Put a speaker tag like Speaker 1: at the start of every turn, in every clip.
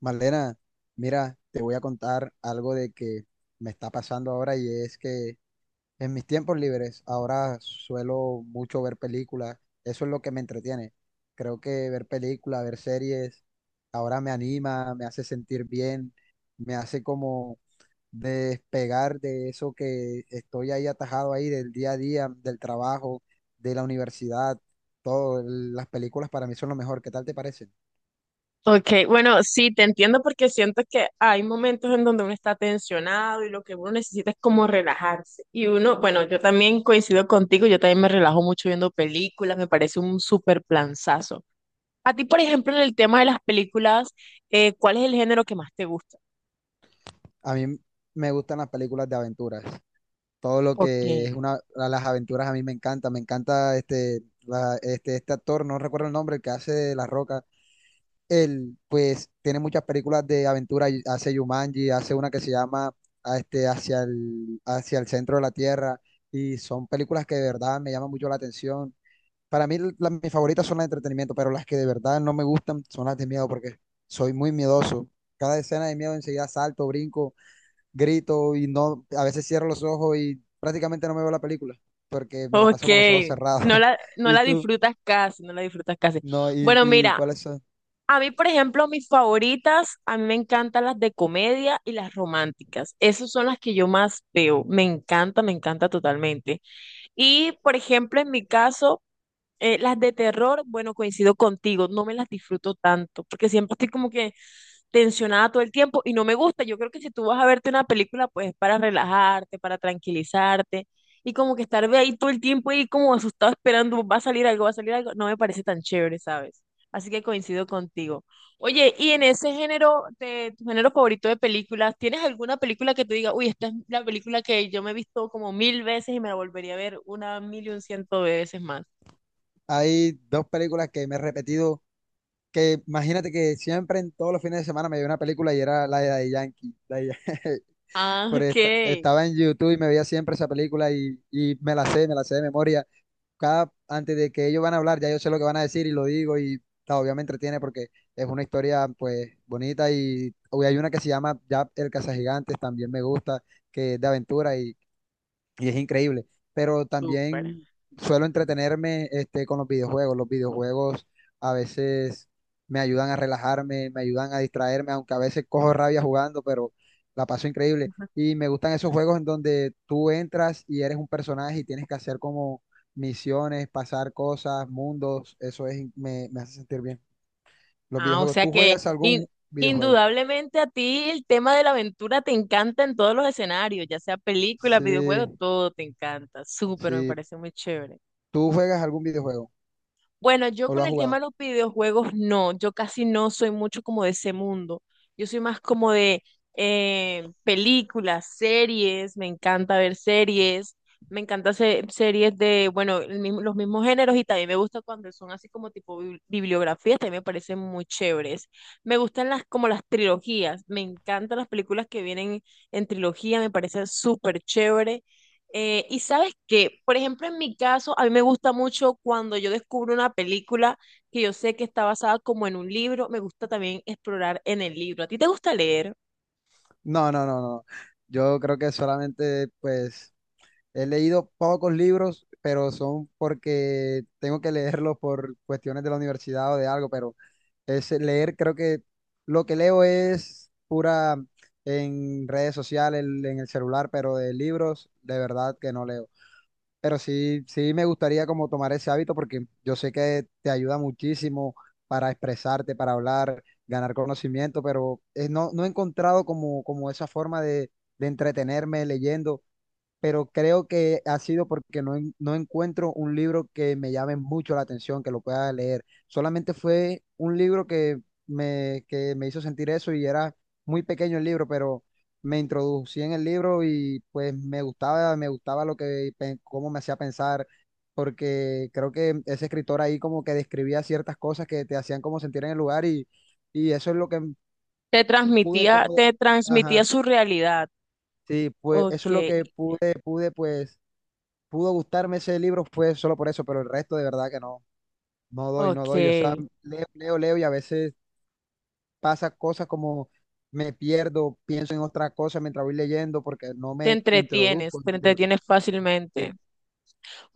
Speaker 1: Marlena, mira, te voy a contar algo de que me está pasando ahora y es que en mis tiempos libres ahora suelo mucho ver películas, eso es lo que me entretiene. Creo que ver películas, ver series, ahora me anima, me hace sentir bien, me hace como despegar de eso que estoy ahí atajado ahí del día a día, del trabajo, de la universidad, todo. Las películas para mí son lo mejor, ¿qué tal te parecen?
Speaker 2: Ok, bueno, sí, te entiendo porque siento que hay momentos en donde uno está tensionado y lo que uno necesita es como relajarse. Y uno, bueno, yo también coincido contigo, yo también me relajo mucho viendo películas, me parece un súper planzazo. A ti, por ejemplo, en el tema de las películas, ¿cuál es el género que más te gusta?
Speaker 1: A mí me gustan las películas de aventuras. Todo lo que
Speaker 2: Okay,
Speaker 1: es una, las aventuras a mí me encanta este actor, no recuerdo el nombre, el que hace de La Roca. Él, pues, tiene muchas películas de aventura, y hace Jumanji, hace una que se llama a este, hacia el centro de la Tierra, y son películas que de verdad me llaman mucho la atención. Para mí, mis favoritas son las de entretenimiento, pero las que de verdad no me gustan son las de miedo, porque soy muy miedoso. Cada escena de miedo enseguida salto, brinco, grito y no, a veces cierro los ojos y prácticamente no me veo la película porque me la paso con los ojos
Speaker 2: okay,
Speaker 1: cerrados.
Speaker 2: no
Speaker 1: ¿Y
Speaker 2: la
Speaker 1: tú?
Speaker 2: disfrutas casi, no la disfrutas casi.
Speaker 1: No, ¿y,
Speaker 2: Bueno,
Speaker 1: y
Speaker 2: mira,
Speaker 1: cuáles son?
Speaker 2: a mí, por ejemplo, mis favoritas, a mí me encantan las de comedia y las románticas. Esas son las que yo más veo. Me encanta totalmente. Y, por ejemplo, en mi caso, las de terror, bueno, coincido contigo, no me las disfruto tanto, porque siempre estoy como que tensionada todo el tiempo y no me gusta. Yo creo que si tú vas a verte una película, pues es para relajarte, para tranquilizarte y como que estar de ahí todo el tiempo y como asustado esperando, va a salir algo, va a salir algo, no me parece tan chévere, ¿sabes? Así que coincido contigo. Oye, y en ese género, de tu género favorito de películas, ¿tienes alguna película que te diga, uy, esta es la película que yo me he visto como mil veces y me la volvería a ver una mil y un ciento veces más?
Speaker 1: Hay dos películas que me he repetido, que imagínate que siempre en todos los fines de semana me veía una película y era la de Daddy Yankee.
Speaker 2: Ah, ok,
Speaker 1: Estaba en YouTube y me veía siempre esa película y me la sé de memoria. Cada, antes de que ellos van a hablar, ya yo sé lo que van a decir y lo digo y ta, obviamente entretiene porque es una historia pues bonita y hoy hay una que se llama ya El Cazagigantes, también me gusta, que es de aventura y es increíble. Pero
Speaker 2: súper.
Speaker 1: también suelo entretenerme este, con los videojuegos. Los videojuegos a veces me ayudan a relajarme, me ayudan a distraerme, aunque a veces cojo rabia jugando, pero la paso increíble. Y me gustan esos juegos en donde tú entras y eres un personaje y tienes que hacer como misiones, pasar cosas, mundos. Eso es, me hace sentir bien. Los
Speaker 2: Ah,
Speaker 1: videojuegos. ¿Tú juegas algún videojuego?
Speaker 2: indudablemente a ti el tema de la aventura te encanta en todos los escenarios, ya sea películas,
Speaker 1: Sí,
Speaker 2: videojuegos, todo te encanta. Súper, me
Speaker 1: sí.
Speaker 2: parece muy chévere.
Speaker 1: ¿Tú juegas algún videojuego
Speaker 2: Bueno, yo
Speaker 1: o lo
Speaker 2: con
Speaker 1: has
Speaker 2: el tema de
Speaker 1: jugado?
Speaker 2: los videojuegos no, yo casi no soy mucho como de ese mundo. Yo soy más como de películas, series, me encanta ver series, me encanta series de, bueno, los mismos géneros y también me gusta cuando son así como tipo bibliografías, también me parecen muy chéveres. Me gustan las como las trilogías, me encantan las películas que vienen en trilogía, me parecen súper chévere. Y sabes que, por ejemplo, en mi caso, a mí me gusta mucho cuando yo descubro una película que yo sé que está basada como en un libro, me gusta también explorar en el libro. ¿A ti te gusta leer?
Speaker 1: No, no, no, no. Yo creo que solamente, pues, he leído pocos libros, pero son porque tengo que leerlos por cuestiones de la universidad o de algo, pero es leer, creo que lo que leo es pura en redes sociales, en el celular, pero de libros, de verdad que no leo. Pero sí, sí me gustaría como tomar ese hábito porque yo sé que te ayuda muchísimo para expresarte, para hablar, ganar conocimiento, pero no, no he encontrado como esa forma de entretenerme leyendo, pero creo que ha sido porque no encuentro un libro que me llame mucho la atención, que lo pueda leer. Solamente fue un libro que me hizo sentir eso y era muy pequeño el libro, pero me introducí en el libro y pues me gustaba lo que, cómo me hacía pensar, porque creo que ese escritor ahí como que describía ciertas cosas que te hacían como sentir en el lugar y eso es lo que pude como,
Speaker 2: Te transmitía
Speaker 1: ajá,
Speaker 2: su realidad.
Speaker 1: sí, pues eso
Speaker 2: Ok,
Speaker 1: es lo que pude, pude pues pudo gustarme ese libro fue solo por eso, pero el resto de verdad que no, no doy, no doy. O sea,
Speaker 2: ok.
Speaker 1: leo, leo, leo y a veces pasa cosas como me pierdo, pienso en otra cosa mientras voy leyendo porque no me introduzco en
Speaker 2: Te
Speaker 1: el libro.
Speaker 2: entretienes fácilmente.
Speaker 1: Sí.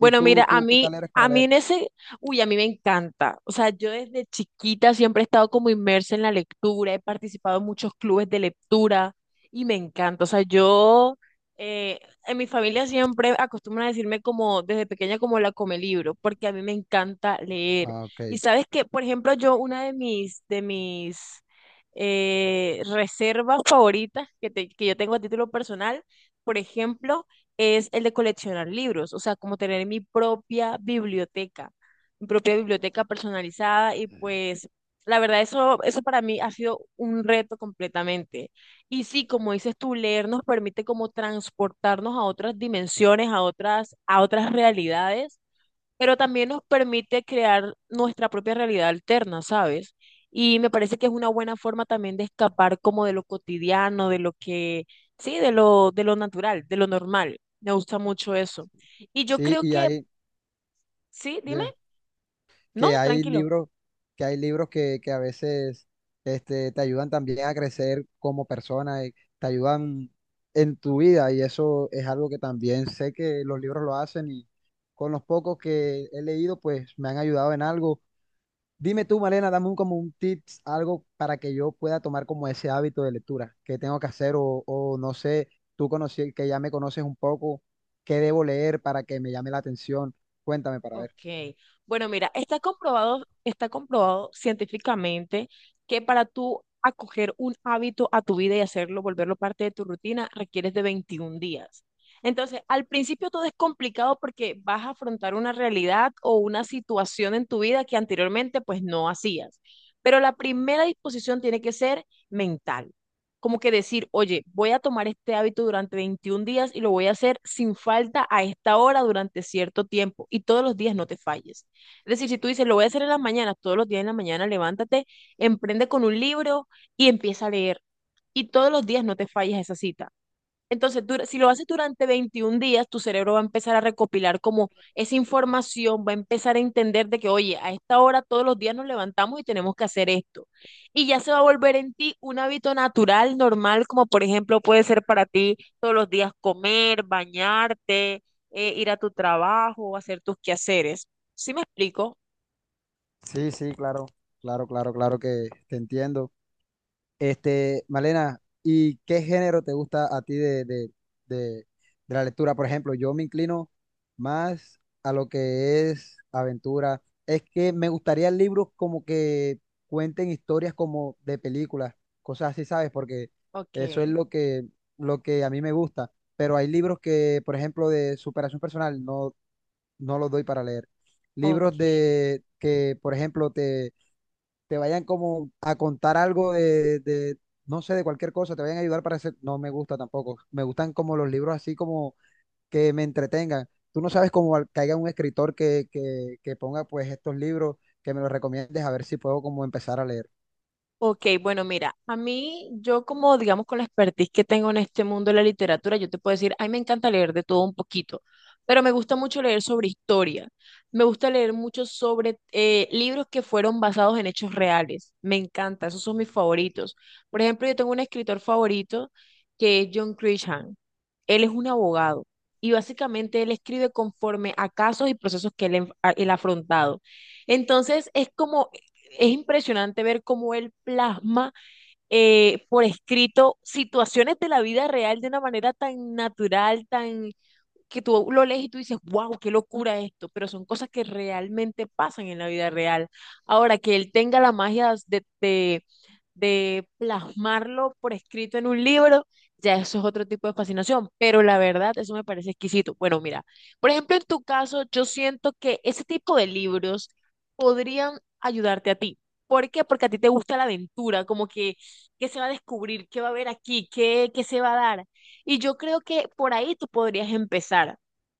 Speaker 1: ¿Y tú,
Speaker 2: mira,
Speaker 1: tú qué tal eres para
Speaker 2: a mí
Speaker 1: leer?
Speaker 2: en ese, uy, a mí me encanta. O sea, yo desde chiquita siempre he estado como inmersa en la lectura, he participado en muchos clubes de lectura y me encanta. O sea, yo, eh, en mi familia siempre acostumbran a decirme como desde pequeña como la come libro, porque a mí me encanta leer.
Speaker 1: Ah, ok.
Speaker 2: Y sabes que, por ejemplo, yo de mis reservas favoritas que, que yo tengo a título personal, por ejemplo, es el de coleccionar libros, o sea, como tener mi propia biblioteca personalizada y pues la verdad eso, eso para mí ha sido un reto completamente. Y sí, como dices tú, leer nos permite como transportarnos a otras dimensiones, a otras realidades pero también nos permite crear nuestra propia realidad alterna, ¿sabes? Y me parece que es una buena forma también de escapar como de lo cotidiano, sí, de lo natural, de lo normal. Me gusta mucho eso. Y yo
Speaker 1: Sí,
Speaker 2: creo
Speaker 1: y
Speaker 2: que,
Speaker 1: ahí,
Speaker 2: sí, dime,
Speaker 1: dime.
Speaker 2: no,
Speaker 1: que hay
Speaker 2: tranquilo.
Speaker 1: libros, que hay libros que a veces este, te ayudan también a crecer como persona, y te ayudan en tu vida y eso es algo que también sé que los libros lo hacen y con los pocos que he leído pues me han ayudado en algo. Dime tú, Malena, dame un, como un tips, algo para que yo pueda tomar como ese hábito de lectura, que tengo que hacer o no sé, tú conocí, que ya me conoces un poco, qué debo leer para que me llame la atención. Cuéntame para ver.
Speaker 2: Ok, bueno, mira, está comprobado científicamente que para tú acoger un hábito a tu vida y hacerlo, volverlo parte de tu rutina, requieres de 21 días. Entonces, al principio todo es complicado porque vas a afrontar una realidad o una situación en tu vida que anteriormente pues no hacías. Pero la primera disposición tiene que ser mental como que decir, oye, voy a tomar este hábito durante 21 días y lo voy a hacer sin falta a esta hora durante cierto tiempo y todos los días no te falles. Es decir, si tú dices, lo voy a hacer en las mañanas, todos los días en la mañana levántate, emprende con un libro y empieza a leer y todos los días no te falles a esa cita. Entonces, si lo haces durante 21 días, tu cerebro va a empezar a recopilar como esa información, va a empezar a entender de que, oye, a esta hora todos los días nos levantamos y tenemos que hacer esto. Y ya se va a volver en ti un hábito natural, normal, como por ejemplo puede ser para ti todos los días comer, bañarte, ir a tu trabajo, hacer tus quehaceres. ¿Sí me explico?
Speaker 1: Sí, sí, claro, claro, claro, claro que te entiendo. Este, Malena, ¿y qué género te gusta a ti de, de la lectura? Por ejemplo, yo me inclino más a lo que es aventura. Es que me gustaría libros como que cuenten historias como de películas, cosas así, ¿sabes? Porque
Speaker 2: Ok,
Speaker 1: eso es lo que a mí me gusta. Pero hay libros que, por ejemplo, de superación personal, no, no los doy para leer.
Speaker 2: ok.
Speaker 1: Libros de que, por ejemplo, te vayan como a contar algo de, no sé, de cualquier cosa, te vayan a ayudar para hacer, no me gusta tampoco. Me gustan como los libros así como que me entretengan. Tú no sabes cómo que haya un escritor que ponga pues estos libros, que me los recomiendes, a ver si puedo como empezar a leer.
Speaker 2: Ok, bueno, mira, a mí, yo como, digamos, con la expertise que tengo en este mundo de la literatura, yo te puedo decir, ay, me encanta leer de todo un poquito, pero me gusta mucho leer sobre historia, me gusta leer mucho sobre libros que fueron basados en hechos reales, me encanta, esos son mis favoritos. Por ejemplo, yo tengo un escritor favorito que es John Grisham, él es un abogado y básicamente él escribe conforme a casos y procesos que él ha afrontado. Entonces, es como es impresionante ver cómo él plasma por escrito situaciones de la vida real de una manera tan natural, tan que tú lo lees y tú dices, wow, qué locura esto, pero son cosas que realmente pasan en la vida real. Ahora, que él tenga la magia de de plasmarlo por escrito en un libro, ya eso es otro tipo de fascinación, pero la verdad, eso me parece exquisito. Bueno, mira, por ejemplo, en tu caso, yo siento que ese tipo de libros podrían ayudarte a ti. ¿Por qué? Porque a ti te gusta la aventura, como que qué se va a descubrir, qué va a haber aquí, qué se va a dar. Y yo creo que por ahí tú podrías empezar.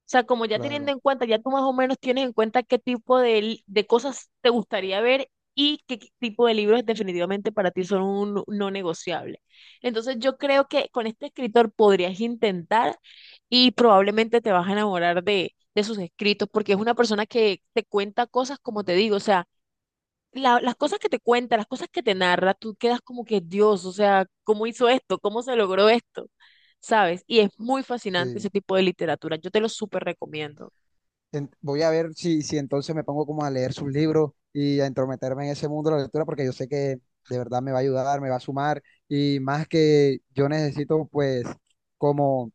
Speaker 2: O sea, como ya teniendo
Speaker 1: Claro,
Speaker 2: en cuenta, ya tú más o menos tienes en cuenta qué tipo de cosas te gustaría ver y qué tipo de libros definitivamente para ti son un no negociable. Entonces yo creo que con este escritor podrías intentar y probablemente te vas a enamorar de sus escritos porque es una persona que te cuenta cosas como te digo, o sea, las cosas que te cuenta, las cosas que te narra, tú quedas como que Dios, o sea, ¿cómo hizo esto? ¿Cómo se logró esto? ¿Sabes? Y es muy fascinante
Speaker 1: sí.
Speaker 2: ese tipo de literatura. Yo te lo súper recomiendo.
Speaker 1: Voy a ver si, si entonces me pongo como a leer sus libros y a entrometerme en ese mundo de la lectura, porque yo sé que de verdad me va a ayudar, me va a sumar, y más que yo necesito pues como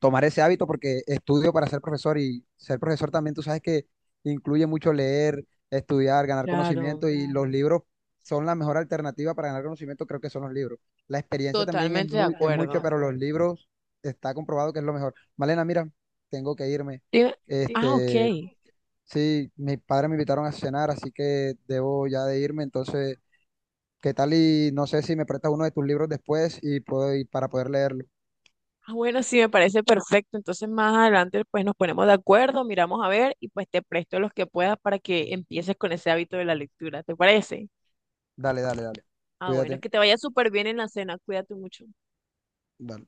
Speaker 1: tomar ese hábito porque estudio para ser profesor y ser profesor también tú sabes que incluye mucho leer, estudiar, ganar
Speaker 2: Claro,
Speaker 1: conocimiento y los libros son la mejor alternativa para ganar conocimiento, creo que son los libros. La experiencia también es
Speaker 2: totalmente de
Speaker 1: muy, es totalmente de mucho,
Speaker 2: acuerdo.
Speaker 1: pero los acuerdo. Libros está comprobado que es lo mejor. Malena, mira, tengo que irme.
Speaker 2: Dime-
Speaker 1: Sí,
Speaker 2: Ah, ok.
Speaker 1: Sí, mis padres me invitaron a cenar, así que debo ya de irme. Entonces, ¿qué tal? Y no sé si me prestas uno de tus libros después y puedo, y para poder leerlo.
Speaker 2: Ah, bueno, sí, me parece perfecto. Entonces más adelante pues nos ponemos de acuerdo, miramos a ver y pues te presto los que puedas para que empieces con ese hábito de la lectura. ¿Te parece?
Speaker 1: Dale, dale, dale.
Speaker 2: Ah, bueno,
Speaker 1: Cuídate.
Speaker 2: que te vaya súper bien en la cena. Cuídate mucho.
Speaker 1: Dale.